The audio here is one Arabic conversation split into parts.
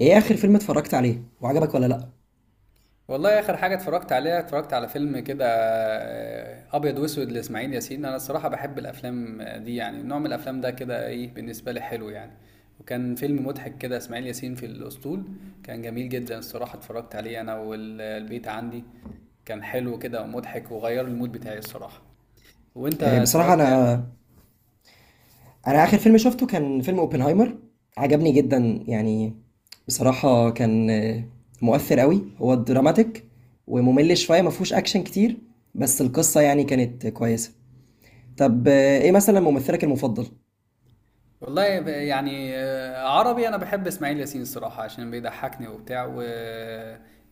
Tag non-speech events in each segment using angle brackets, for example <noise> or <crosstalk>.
ايه اخر فيلم اتفرجت عليه وعجبك ولا لا؟ والله اخر حاجه اتفرجت عليها اتفرجت على فيلم كده، ابيض واسود لاسماعيل ياسين. انا الصراحه بحب الافلام دي، يعني نوع من الافلام ده كده ايه، بالنسبه لي حلو يعني. وكان فيلم مضحك كده، اسماعيل ياسين في الاسطول. كان جميل جدا الصراحه، اتفرجت عليه انا والبيت عندي. كان حلو كده ومضحك وغير المود بتاعي الصراحه. وانت بصراحه اتفرجت انا اخر؟ انا اخر فيلم شفته كان فيلم اوبنهايمر. عجبني جدا. يعني بصراحه كان مؤثر قوي، هو دراماتيك وممل شويه، ما فيهوش اكشن كتير، بس القصه يعني كانت كويسه. طب ايه مثلا ممثلك المفضل؟ والله يعني عربي، انا بحب اسماعيل ياسين الصراحه عشان بيضحكني وبتاع و...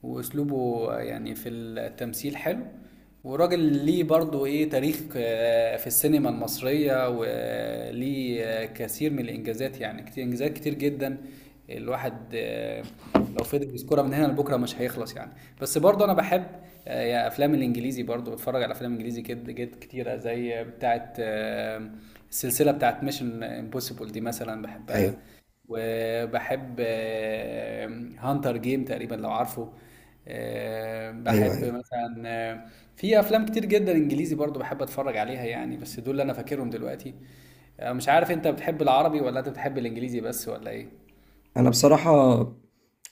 واسلوبه يعني في التمثيل حلو وراجل. ليه برضه ايه تاريخ في السينما المصريه وليه كثير من الانجازات، يعني كتير، انجازات كتير جدا. الواحد لو فضل يذكرها من هنا لبكره مش هيخلص يعني. بس برضه انا بحب يا افلام الانجليزي، برضه بتفرج على افلام انجليزي كده جد كتيره، زي بتاعه السلسلة بتاعت ميشن امبوسيبل دي مثلا، بحبها. ايوه وبحب هانتر جيم تقريبا لو عارفه. ايوه بحب ايوه. مثلا في افلام كتير جدا انجليزي برضو بحب اتفرج عليها يعني، بس دول اللي انا فاكرهم دلوقتي. مش عارف انت بتحب العربي ولا انت بتحب الانجليزي بس ولا ايه؟ انا بصراحة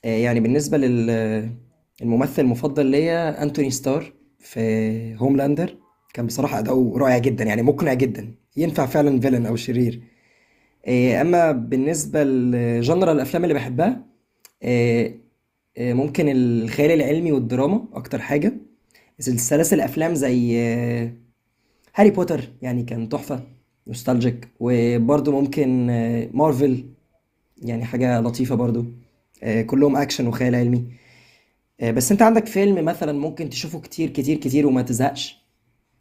يعني بالنسبة للممثل المفضل ليا انتوني ستار في هوملاندر. كان بصراحة أداؤه رائع جدا، يعني مقنع جدا، ينفع فعلا فيلن أو شرير. أما بالنسبة لجنرال الأفلام اللي بحبها، آه، ممكن الخيال العلمي والدراما أكتر حاجة. سلاسل أفلام زي هاري بوتر، يعني كان تحفة، نوستالجيك. وبرضه ممكن مارفل، يعني حاجة لطيفة برضو. كلهم أكشن وخيال علمي. بس أنت عندك فيلم مثلا ممكن تشوفه كتير كتير كتير وما تزهقش؟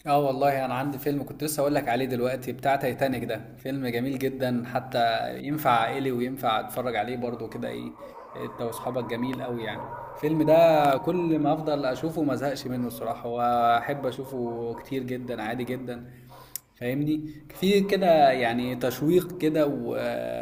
اه والله انا عندي فيلم كنت لسه اقول لك عليه دلوقتي، بتاع تايتانيك ده، فيلم جميل جدا حتى. ينفع عائلي وينفع اتفرج عليه برضه كده ايه انت واصحابك. جميل قوي يعني الفيلم ده، كل ما افضل اشوفه ما ازهقش منه الصراحة، واحب اشوفه كتير جدا عادي جدا. فاهمني في كده يعني تشويق كده و...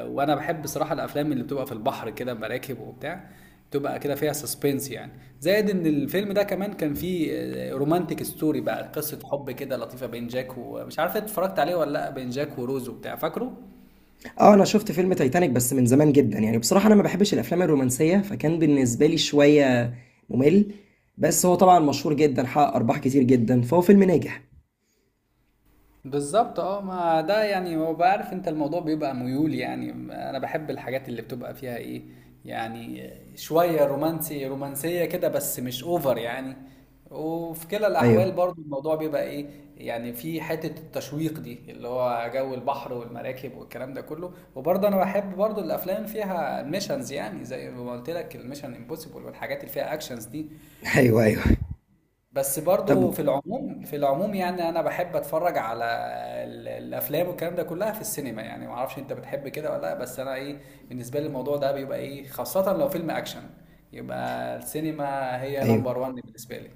وانا بحب بصراحه الافلام اللي بتبقى في البحر كده، مراكب وبتاع، بتبقى كده فيها سسبنس يعني. زائد ان الفيلم ده كمان كان فيه رومانتك ستوري بقى، قصه حب كده لطيفه بين جاك، ومش عارف إنت اتفرجت عليه ولا لا، بين جاك وروز وبتاع فاكره. اه، انا شفت فيلم تايتانيك بس من زمان جدا، يعني بصراحة انا ما بحبش الافلام الرومانسية، فكان بالنسبة لي شوية ممل. بس هو طبعا مشهور جدا، حقق ارباح كتير جدا، فهو فيلم ناجح. بالظبط، اه، ما ده يعني هو بعرف انت الموضوع بيبقى ميول يعني. انا بحب الحاجات اللي بتبقى فيها ايه يعني، شوية رومانسي، رومانسية كده بس مش اوفر يعني. وفي كلا ايوه. الاحوال برضو الموضوع بيبقى ايه يعني في حتة التشويق دي، اللي هو جو البحر والمراكب والكلام ده كله. وبرضه انا بحب برضو الافلام فيها ميشنز يعني، زي ما قلت لك الميشن امبوسيبل والحاجات اللي فيها اكشنز دي. <laughs> ايوه ايوه. بس طب. برضو في العموم يعني انا بحب اتفرج على الافلام والكلام ده كلها في السينما يعني. ما اعرفش انت بتحب كده ولا لا، بس انا ايه، بالنسبه لي الموضوع ده بيبقى ايه خاصه لو فيلم اكشن، يبقى السينما هي ايوه، نمبر وان بالنسبه لي.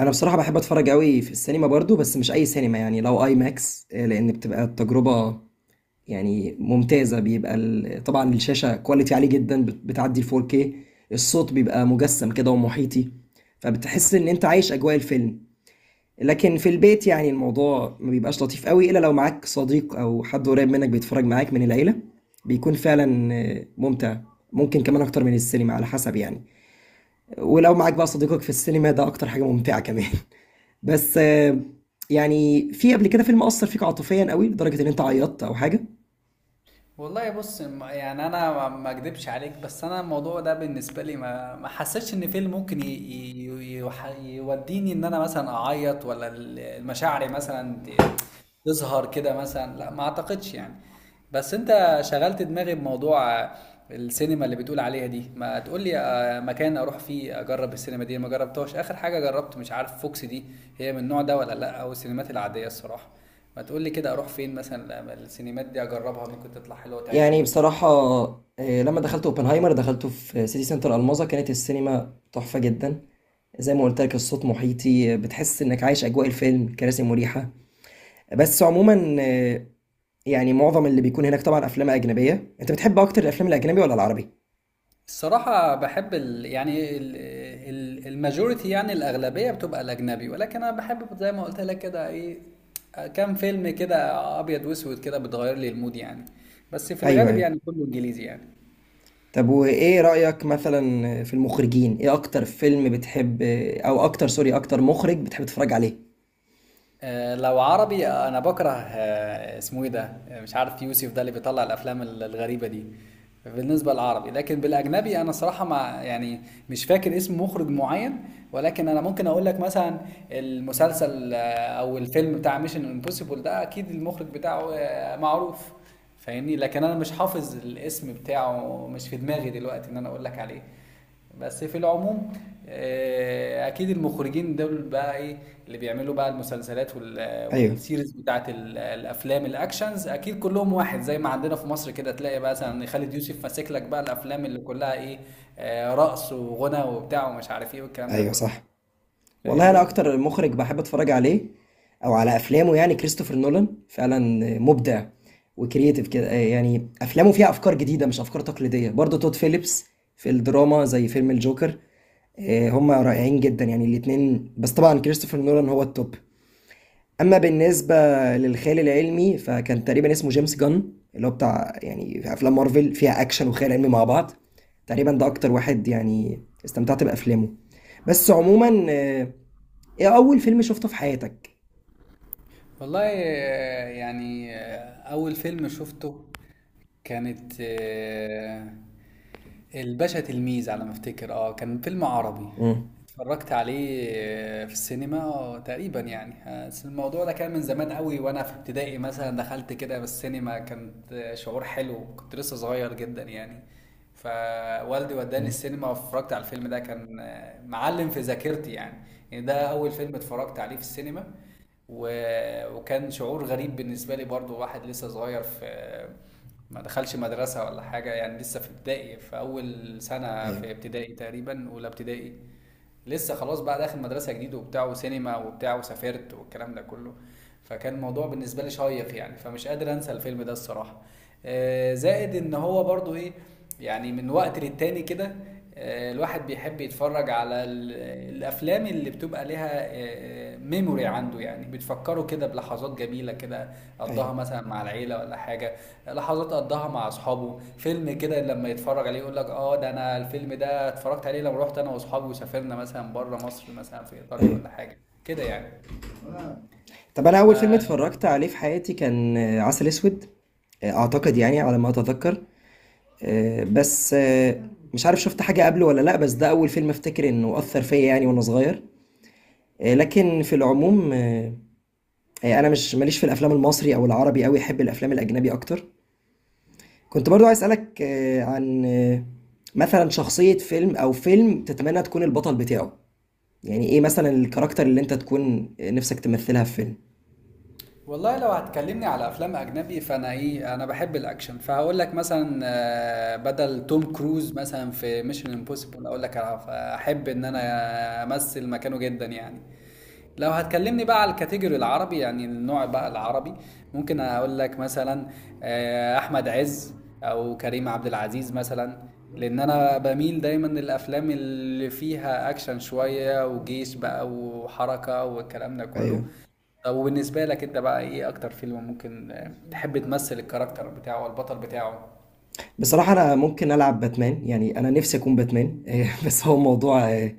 انا بصراحة بحب اتفرج قوي في السينما برضو، بس مش اي سينما. يعني لو اي ماكس، لان بتبقى التجربة يعني ممتازة. بيبقى طبعا الشاشة كواليتي عالي جدا، بتعدي ال 4K. الصوت بيبقى مجسم كده ومحيطي، فبتحس ان انت عايش اجواء الفيلم. لكن في البيت يعني الموضوع ما بيبقاش لطيف قوي، الا لو معاك صديق او حد قريب منك بيتفرج معاك من العيلة، بيكون فعلا ممتع. ممكن كمان اكتر من السينما على حسب يعني. ولو معاك بقى صديقك في السينما، ده اكتر حاجة ممتعة كمان. <laughs> بس يعني في قبل كده فيلم اثر فيك عاطفيا قوي لدرجة ان انت عيطت او حاجة؟ والله بص يعني انا ما اكدبش عليك، بس انا الموضوع ده بالنسبه لي ما حسيتش ان فيلم ممكن يوديني ان انا مثلا اعيط، ولا المشاعر مثلا تظهر كده مثلا، لا ما اعتقدش يعني. بس انت شغلت دماغي بموضوع السينما اللي بتقول عليها دي. ما تقول لي مكان اروح فيه اجرب السينما دي، ما جربتهاش، اخر حاجه جربت مش عارف فوكس دي هي من النوع ده ولا لا، او السينمات العاديه الصراحه. ما تقول لي كده اروح فين مثلا لما السينمات دي اجربها، ممكن تطلع حلوه يعني وتعجبني. بصراحة لما دخلت اوبنهايمر دخلته في سيتي سنتر الماظة، كانت السينما تحفة جدا. زي ما قلت لك، الصوت محيطي، بتحس انك عايش اجواء الفيلم، كراسي مريحة. بس عموما يعني معظم اللي بيكون هناك طبعا افلام اجنبية. انت بتحب اكتر الافلام الاجنبي ولا العربي؟ الصراحه بحب ال، يعني ال، ال الماجوريتي يعني الاغلبيه بتبقى الاجنبي، ولكن انا بحب زي ما قلت لك كده ايه كام فيلم كده ابيض واسود كده، بتغير لي المود يعني. بس في ايوه الغالب ايوه. يعني كله انجليزي يعني. طب، وايه رأيك مثلا في المخرجين؟ ايه اكتر فيلم بتحب او اكتر، سوري، اكتر مخرج بتحب تتفرج عليه؟ لو عربي، انا بكره اسمه ايه ده، مش عارف، يوسف ده اللي بيطلع الافلام الغريبه دي، بالنسبه للعربي. لكن بالاجنبي انا صراحه مع يعني، مش فاكر اسم مخرج معين. ولكن انا ممكن اقول لك مثلا المسلسل او الفيلم بتاع ميشن امبوسيبل ده، اكيد المخرج بتاعه معروف، فاهمني. لكن انا مش حافظ الاسم بتاعه، مش في دماغي دلوقتي ان انا اقول لك عليه. بس في العموم اكيد المخرجين دول بقى ايه، اللي بيعملوا بقى المسلسلات ايوه والسيريز بتاعت الافلام الاكشنز، اكيد كلهم واحد. زي ما عندنا في مصر كده تلاقي بقى مثلا خالد يوسف ماسك لك بقى الافلام اللي كلها ايه رقص وغنى وبتاع ومش عارف ايه والكلام ده ايوه، كله، صح. والله انا فاهمني. اكتر مخرج بحب اتفرج عليه او على افلامه يعني كريستوفر نولان. فعلا مبدع وكرييتيف كده. يعني افلامه فيها افكار جديده مش افكار تقليديه. برضه تود فيليبس في الدراما زي فيلم الجوكر. هما رائعين جدا يعني الاتنين، بس طبعا كريستوفر نولان هو التوب. اما بالنسبه للخيال العلمي، فكان تقريبا اسمه جيمس جان، اللي هو بتاع يعني في افلام مارفل فيها اكشن وخيال علمي مع بعض. تقريبا ده اكتر واحد يعني استمتعت بافلامه. بس عموما إيه أول فيلم شُفته في حياتك؟ والله يعني أول فيلم شفته كانت الباشا تلميذ على ما افتكر. اه كان فيلم عربي، إمم. اتفرجت عليه في السينما تقريبا يعني. بس الموضوع ده كان من زمان قوي وانا في ابتدائي مثلا، دخلت كده بالسينما كانت شعور حلو، كنت لسه صغير جدا يعني. فوالدي وداني إمم. السينما واتفرجت على الفيلم ده، كان معلم في ذاكرتي يعني. يعني ده اول فيلم اتفرجت عليه في السينما. و... وكان شعور غريب بالنسبة لي برضو، واحد لسه صغير، في ما دخلش مدرسة ولا حاجة يعني، لسه في ابتدائي، في أول سنة أيوه. في ابتدائي تقريبا، أولى ابتدائي. لسه خلاص بقى داخل مدرسه جديده وبتاع، وسينما وبتاع، وسافرت والكلام ده كله. فكان الموضوع بالنسبه لي شيق يعني، فمش قادر انسى الفيلم ده الصراحه. زائد ان هو برضو ايه يعني، من وقت للتاني كده الواحد بيحب يتفرج على الافلام اللي بتبقى لها ميموري عنده يعني، بتفكره كده بلحظات جميله كده أيوه، قضاها مثلا مع العيله ولا حاجه، لحظات قضاها مع اصحابه. فيلم كده لما يتفرج عليه يقول لك اه ده، انا الفيلم ده اتفرجت عليه لما رحت انا واصحابي وسافرنا مثلا بره مصر مثلا في ايطاليا أيوه. ولا حاجه كده يعني. طَب أنا ف أول فيلم اتفرّجت عليه في حياتي كان عسل أسود، أعتقد يعني على ما أتذكّر. بس آه، مش عارف شُفت حاجة قبله والّا لأ، بس ده أول فيلم أفتكر إنه أثّر فيّا يعني وأنا صغير. لكن في العموم، أنا مش ما ليش في الأفلام المصري أو العربي أوي، أحب الأفلام الأجنبي أكتر. كنت برضه عايز أسألك عن مثلًا شخصية فيلم أو فيلم تتمنّى تكون البطل بتاعه؟ يعني ايه مثلا الكاركتر اللي انت تكون نفسك تمثلها في فيلم؟ والله لو هتكلمني على افلام اجنبي فانا ايه، انا بحب الاكشن، فهقول لك مثلا بدل توم كروز مثلا في ميشن امبوسيبل، اقول لك احب ان انا امثل مكانه جدا يعني. لو هتكلمني بقى على الكاتيجوري العربي، يعني النوع بقى العربي، ممكن اقول لك مثلا احمد عز او كريم عبد العزيز مثلا، لان انا بميل دايما للافلام اللي فيها اكشن شوية وجيش بقى وحركة والكلام ده ايوه. كله. طب وبالنسبة لك انت بقى، ايه اكتر فيلم ممكن تحب تمثل الكاركتر بتاعه والبطل بتاعه؟ بصراحة انا ممكن العب باتمان، يعني انا نفسي اكون باتمان. <laughs> بس هو موضوع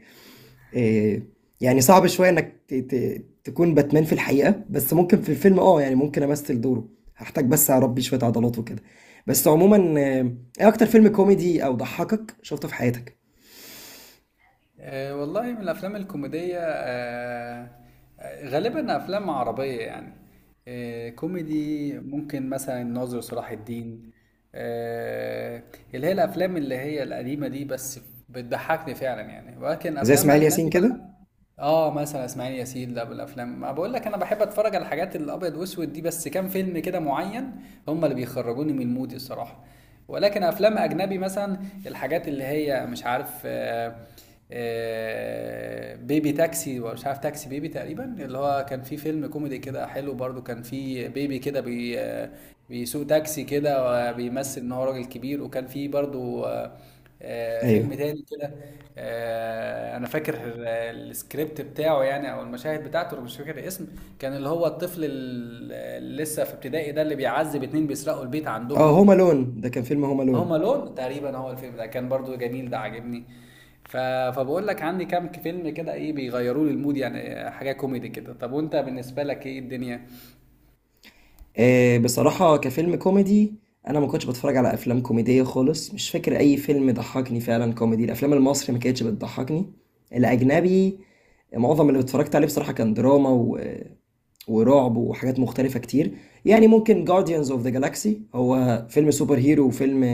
آه، يعني صعب شوية انك تكون باتمان في الحقيقة، بس ممكن في الفيلم اه، يعني ممكن امثل دوره. هحتاج بس اربي شوية عضلات وكده. بس عموما ايه اكتر فيلم كوميدي او ضحكك شفته في حياتك؟ أه والله من الأفلام الكوميدية، أه غالبا أفلام عربية يعني. أه كوميدي ممكن مثلا الناظر صلاح الدين، أه، اللي هي الأفلام اللي هي القديمة دي، بس بتضحكني فعلا يعني. ولكن زي أفلام اسماعيل ياسين أجنبي كده؟ بقى، اه مثلا اسماعيل ياسين ده، بالافلام ما بقول لك انا بحب اتفرج على الحاجات الابيض واسود دي، بس كام فيلم كده معين هم اللي بيخرجوني من المود الصراحه. ولكن افلام اجنبي مثلا الحاجات اللي هي مش عارف بيبي تاكسي ولا مش عارف تاكسي بيبي تقريبا، اللي هو كان فيه فيلم كوميدي كده حلو برضو، كان فيه بيبي كده بي آه، بيسوق تاكسي كده وبيمثل ان هو راجل كبير. وكان فيه برضو فيلم ايوه. تاني كده. أنا فاكر السكريبت بتاعه يعني أو المشاهد بتاعته، أنا مش فاكر الاسم. كان اللي هو الطفل ال، اللي لسه في ابتدائي ده، اللي بيعذب 2 بيسرقوا البيت اه، هوم عندهم. الون، ده كان فيلم هوم هوم الون. ألون تقريبا هو الفيلم ده، كان برضه جميل، ده عاجبني. ف فباقول لك عندي كام ك فيلم كده إيه بيغيّروا لي المود يعني، حاجة كوميدي كده. طب وأنت بالنسبة لك إيه الدنيا؟ بصراحة كفيلم كوميدي، أنا ما كنتش بتفرج على أفلام كوميدية خالص. مش فاكر أي فيلم ضحكني فعلا كوميدي. الأفلام المصري ما كانتش بتضحكني. الأجنبي معظم اللي اتفرجت عليه بصراحة كان دراما ورعب وحاجات مختلفة كتير. يعني ممكن Guardians of the Galaxy، هو فيلم سوبر هيرو وفيلم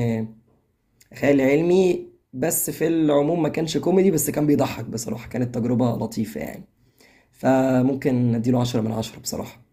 خيال علمي. بس في العموم ما كانش كوميدي، بس كان بيضحك بصراحة. كانت تجربة لطيفة يعني، فممكن اديله 10 من 10 بصراحة.